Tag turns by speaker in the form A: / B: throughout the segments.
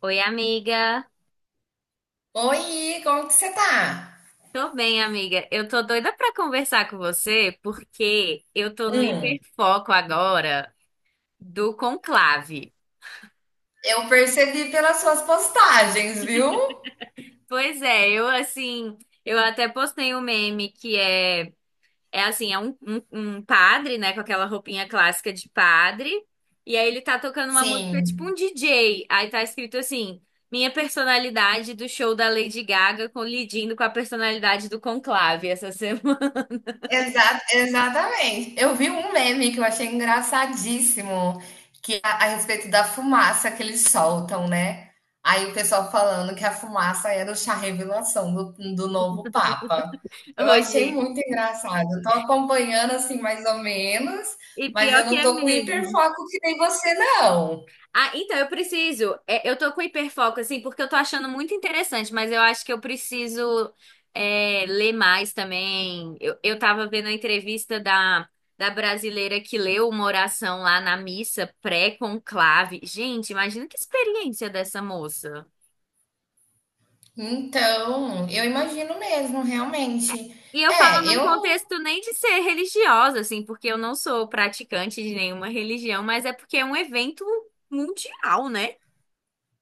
A: Oi, amiga.
B: Oi, como que você tá?
A: Tô bem, amiga. Eu tô doida pra conversar com você porque eu tô no
B: Hum,
A: hiperfoco agora do conclave.
B: eu percebi pelas suas postagens, viu?
A: Pois é, eu assim, eu até postei um meme que é assim, é um padre, né, com aquela roupinha clássica de padre, e aí ele tá tocando uma música tipo um
B: Sim,
A: DJ. Aí tá escrito assim: Minha personalidade do show da Lady Gaga colidindo com a personalidade do conclave essa semana.
B: exatamente. Eu vi um meme que eu achei engraçadíssimo, que é a respeito da fumaça que eles soltam, né? Aí o pessoal falando que a fumaça era o chá revelação do novo Papa. Eu achei
A: Hoje.
B: muito engraçado. Eu tô acompanhando assim mais ou menos,
A: E
B: mas
A: pior
B: eu
A: que
B: não
A: é
B: tô com
A: mesmo.
B: hiperfoco que nem você, não.
A: Ah, então eu preciso. Eu tô com hiperfoco, assim, porque eu tô achando muito interessante, mas eu acho que eu preciso ler mais também. Eu tava vendo a entrevista da brasileira que leu uma oração lá na missa pré-conclave. Gente, imagina que experiência dessa moça.
B: Então, eu imagino mesmo, realmente.
A: E eu falo
B: É,
A: num
B: eu.
A: contexto nem de ser religiosa, assim, porque eu não sou praticante de nenhuma religião, mas é porque é um evento mundial, né?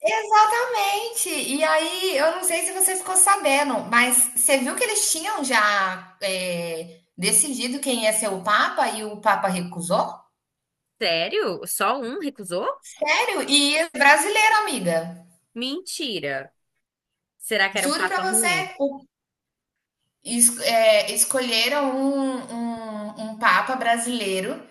B: Exatamente! E aí, eu não sei se você ficou sabendo, mas você viu que eles tinham já decidido quem ia ser o Papa e o Papa recusou?
A: Sério? Só um recusou?
B: Sério? E brasileiro, amiga.
A: Mentira. Será que era um
B: Juro pra
A: papa
B: você,
A: ruim?
B: escolheram um papa brasileiro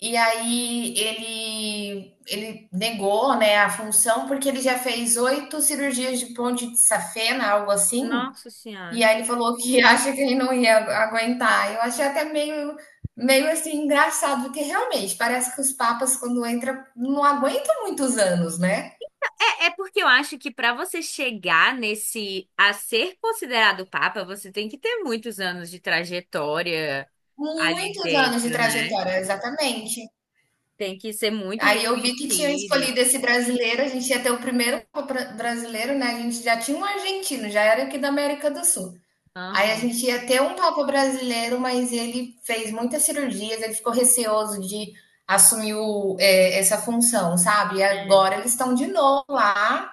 B: e aí ele negou, né, a função porque ele já fez oito cirurgias de ponte de safena, algo assim,
A: Nossa
B: e
A: Senhora.
B: aí ele falou que acha que ele não ia aguentar. Eu achei até meio, meio assim engraçado, porque realmente parece que os papas quando entram não aguentam muitos anos, né?
A: É, porque eu acho que para você chegar nesse a ser considerado papa, você tem que ter muitos anos de trajetória ali
B: Muitos anos de
A: dentro, né?
B: trajetória, exatamente.
A: Tem que ser muito
B: Aí eu vi que tinham
A: reconhecido.
B: escolhido esse brasileiro, a gente ia ter o primeiro brasileiro, né? A gente já tinha um argentino, já era aqui da América do Sul. Aí a
A: Aham.
B: gente ia ter um papa brasileiro, mas ele fez muitas cirurgias, ele ficou receoso de assumir essa função, sabe? E
A: É.
B: agora eles estão de novo lá,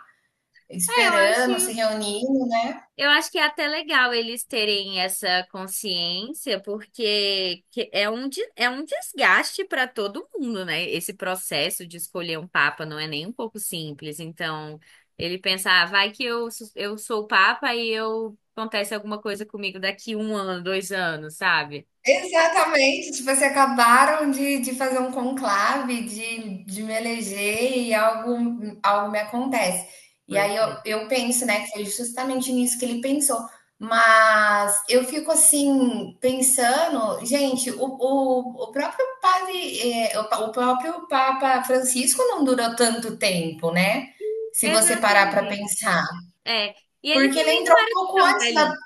A: É, eu acho.
B: esperando, se reunindo, né?
A: Eu acho que é até legal eles terem essa consciência, porque é um desgaste para todo mundo, né? Esse processo de escolher um papa não é nem um pouco simples. Então, ele pensa, ah, vai que eu sou o papa e eu acontece alguma coisa comigo daqui um ano, 2 anos, sabe?
B: Exatamente, tipo, assim, acabaram de fazer um conclave, de me eleger e algo me acontece. E
A: Pois
B: aí eu,
A: é.
B: eu penso, né, que foi justamente nisso que ele pensou. Mas eu fico assim, pensando, gente, o próprio padre, o próprio Papa Francisco não durou tanto tempo, né? Se você parar para pensar.
A: Exatamente. É. E ele
B: Porque ele
A: também
B: entrou
A: não
B: um
A: era
B: pouco
A: tão
B: antes da,
A: velhinho.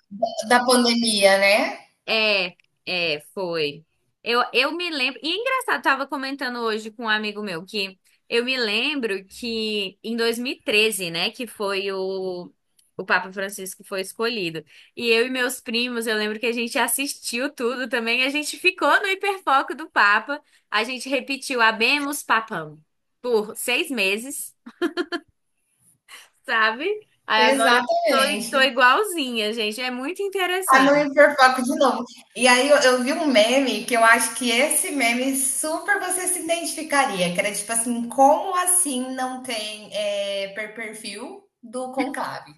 B: da pandemia, né?
A: É, foi. Eu me lembro. E é engraçado, tava comentando hoje com um amigo meu que eu me lembro que em 2013, né, que foi o Papa Francisco foi escolhido. E eu e meus primos, eu lembro que a gente assistiu tudo também, a gente ficou no hiperfoco do Papa, a gente repetiu Habemus Papam por 6 meses, sabe? Aí agora eu tô
B: Exatamente.
A: igualzinha, gente. É muito
B: Tá no
A: interessante.
B: hiperfoco de novo. E aí eu vi um meme que eu acho que esse meme super você se identificaria, que era tipo assim, como assim não tem perfil do Conclave?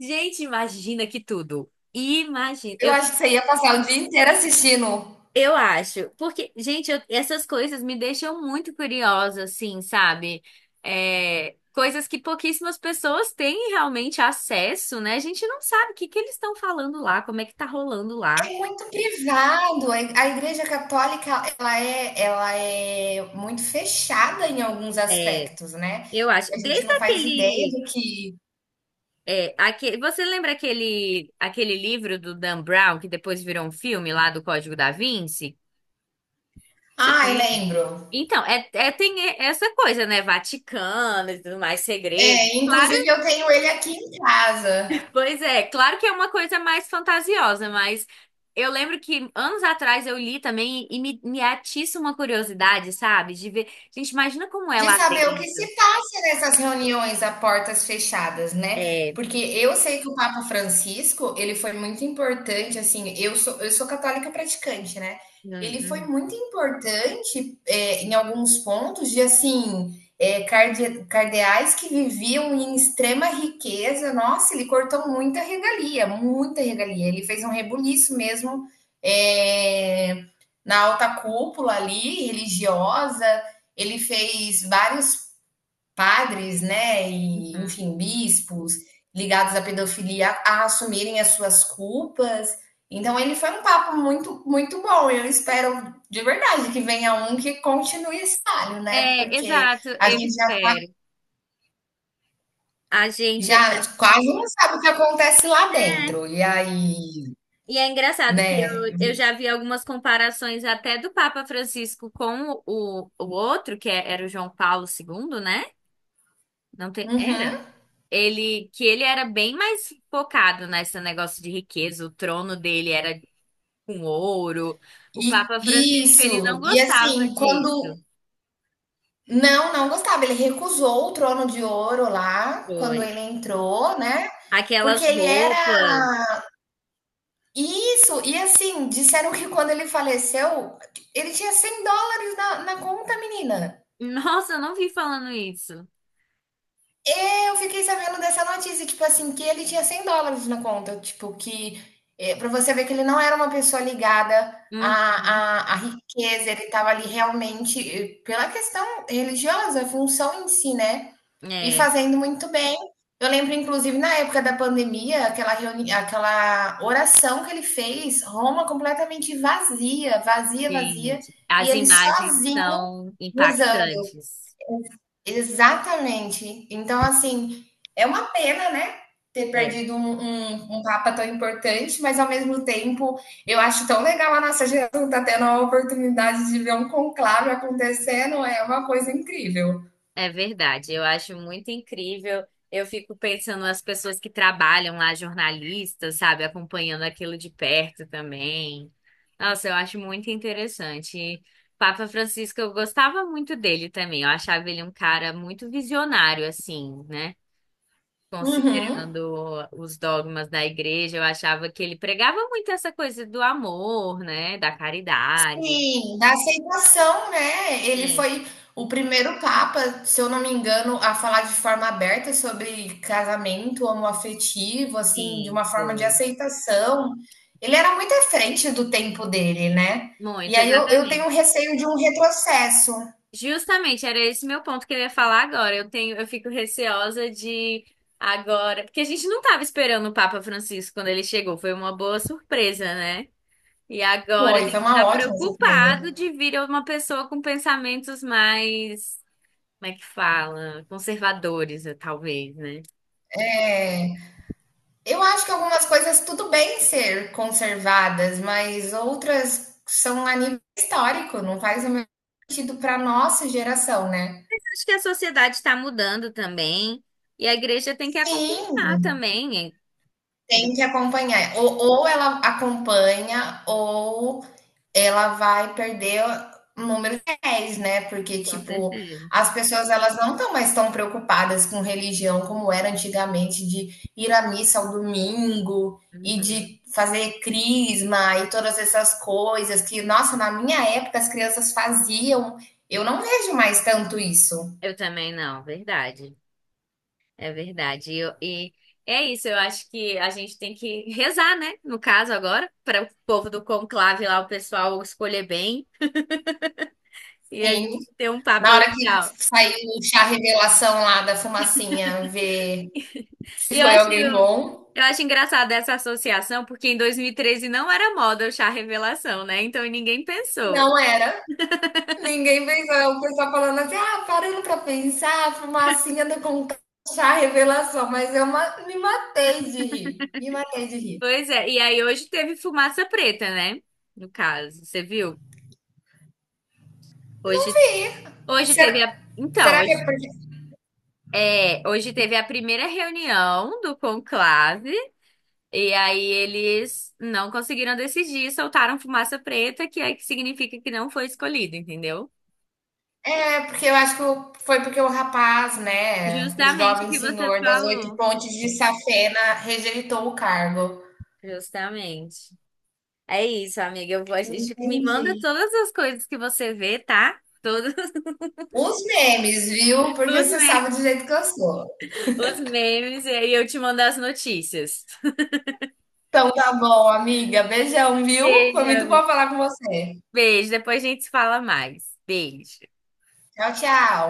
A: Gente, imagina que tudo. Imagina.
B: Eu
A: Eu,
B: acho que você ia passar o dia inteiro assistindo.
A: eu acho. Porque, gente, essas coisas me deixam muito curiosa, assim, sabe? É, coisas que pouquíssimas pessoas têm realmente acesso, né? A gente não sabe o que que eles estão falando lá, como é que tá rolando lá.
B: É muito privado. A Igreja Católica, ela é muito fechada em alguns
A: É,
B: aspectos, né?
A: eu
B: E
A: acho.
B: a gente
A: Desde
B: não faz ideia
A: aquele.
B: do que.
A: Você lembra aquele livro do Dan Brown, que depois virou um filme lá do Código da Vinci? Você
B: Ah,
A: conhece?
B: lembro.
A: Então, tem essa coisa, né? Vaticano e tudo mais, segredo.
B: É,
A: Claro,
B: inclusive eu tenho ele aqui em casa.
A: pois é, claro que é uma coisa mais fantasiosa, mas eu lembro que anos atrás eu li também e me atiça uma curiosidade, sabe? De ver. Gente, imagina como é
B: De
A: lá
B: saber o que
A: dentro.
B: se passa nessas reuniões a portas fechadas, né?
A: É.
B: Porque eu sei que o Papa Francisco, ele foi muito importante, assim, eu sou católica praticante, né?
A: Hum,
B: Ele foi
A: uhum,
B: muito importante em alguns pontos de, assim, cardeais que viviam em extrema riqueza. Nossa, ele cortou muita regalia, muita regalia. Ele fez um rebuliço mesmo é, na alta cúpula ali, religiosa, ele fez vários padres, né, e
A: uhum.
B: enfim, bispos ligados à pedofilia a assumirem as suas culpas. Então ele foi um papo muito muito bom. Eu espero de verdade que venha um que continue esse trabalho, né?
A: É,
B: Porque
A: exato,
B: a
A: eu
B: gente já,
A: espero. A gente. É.
B: já quase não sabe o que acontece lá dentro. E aí,
A: E é engraçado que
B: né?
A: eu já vi algumas comparações até do Papa Francisco com o outro, era o João Paulo II, né? Não tem, era?
B: Uhum.
A: Que ele era bem mais focado nesse negócio de riqueza, o trono dele era com ouro. O
B: E
A: Papa Francisco, ele não
B: isso. E
A: gostava
B: assim,
A: disso.
B: quando... Não, não gostava. Ele recusou o Trono de Ouro lá, quando
A: Foi.
B: ele entrou, né, porque
A: Aquelas
B: ele era
A: roupas.
B: isso, e assim, disseram que quando ele faleceu, ele tinha US$ 100 na conta, menina.
A: Nossa, eu não vi falando isso.
B: É, eu fiquei sabendo dessa notícia, tipo assim, que ele tinha US$ 100 na conta, tipo que, pra você ver que ele não era uma pessoa ligada
A: Uhum.
B: à riqueza, ele estava ali realmente, pela questão religiosa, a função em si, né. E
A: É,
B: fazendo muito bem. Eu lembro, inclusive, na época da pandemia, aquela reuni aquela oração que ele fez, Roma completamente vazia, vazia, vazia,
A: gente,
B: e
A: as
B: ele
A: imagens
B: sozinho
A: são
B: rezando.
A: impactantes.
B: Exatamente. Então, assim, é uma pena, né, ter
A: É.
B: perdido um papa tão importante, mas ao mesmo tempo, eu acho tão legal a nossa geração tá tendo a oportunidade de ver um conclave acontecendo, é uma coisa incrível.
A: É verdade, eu acho muito incrível. Eu fico pensando nas pessoas que trabalham lá, jornalistas, sabe, acompanhando aquilo de perto também. Nossa, eu acho muito interessante. E Papa Francisco, eu gostava muito dele também. Eu achava ele um cara muito visionário, assim, né?
B: Uhum.
A: Considerando os dogmas da igreja, eu achava que ele pregava muito essa coisa do amor, né? Da caridade.
B: Sim, da aceitação, né? Ele
A: É,
B: foi o primeiro papa, se eu não me engano, a falar de forma aberta sobre casamento homoafetivo, assim, de
A: sim,
B: uma forma de
A: foi.
B: aceitação. Ele era muito à frente do tempo dele, né? E
A: Muito,
B: aí eu tenho
A: exatamente.
B: um receio de um retrocesso.
A: Justamente, era esse meu ponto que eu ia falar agora. Eu fico receosa de agora, porque a gente não estava esperando o Papa Francisco quando ele chegou, foi uma boa surpresa, né? E agora a
B: Foi
A: gente
B: uma
A: está
B: ótima
A: preocupado
B: surpresa.
A: de vir uma pessoa com pensamentos mais, como é que fala? Conservadores, talvez, né?
B: Eu acho que algumas coisas tudo bem ser conservadas, mas outras são a nível histórico, não faz o mesmo sentido para nossa geração, né?
A: Acho que a sociedade está mudando também, e a igreja tem que
B: Sim.
A: acompanhar também, eh,
B: Tem que acompanhar. Ou ela acompanha, ou ela vai perder o número de réis, né? Porque,
A: com
B: tipo,
A: certeza.
B: as pessoas elas não estão mais tão preocupadas com religião como era antigamente, de ir à missa ao domingo e
A: Uhum.
B: de fazer crisma e todas essas coisas que, nossa, na minha época as crianças faziam. Eu não vejo mais tanto isso.
A: Eu também não, verdade. É verdade. E é isso, eu acho que a gente tem que rezar, né? No caso agora, para o povo do conclave lá, o pessoal escolher bem e a
B: Sim.
A: gente ter um papo
B: Na hora que
A: legal.
B: saiu o chá revelação lá da fumacinha, ver se
A: E eu
B: foi
A: acho,
B: alguém bom,
A: eu acho engraçado essa associação, porque em 2013 não era moda o chá revelação, né? Então ninguém pensou.
B: não era. Ninguém pensou, o pessoal falando assim, ah, parando pra pensar, a fumacinha do concurso, revelação, mas eu me matei de rir, me matei de rir.
A: Pois é, e aí hoje teve fumaça preta, né? No caso, você viu? Hoje,
B: Fih, será,
A: Então,
B: será que é
A: hoje,
B: porque.
A: hoje teve a primeira reunião do conclave. E aí eles não conseguiram decidir, soltaram fumaça preta, que é que significa que não foi escolhido, entendeu?
B: É, porque eu acho que foi porque o rapaz, né, o
A: Justamente o
B: jovem
A: que você
B: senhor das oito
A: falou.
B: pontes de Safena rejeitou o cargo.
A: Justamente. É isso, amiga. Eu vou... a gente- Me
B: Entendi.
A: manda todas as coisas que você vê, tá? Todos
B: Os memes, viu? Porque
A: os
B: você
A: me-
B: sabe do jeito que eu sou.
A: os memes, e aí eu te mando as notícias.
B: Então tá bom, amiga. Beijão, viu? Foi
A: Beijo,
B: muito bom
A: amiga.
B: falar com você.
A: Beijo. Depois a gente se fala mais. Beijo.
B: Tchau, tchau.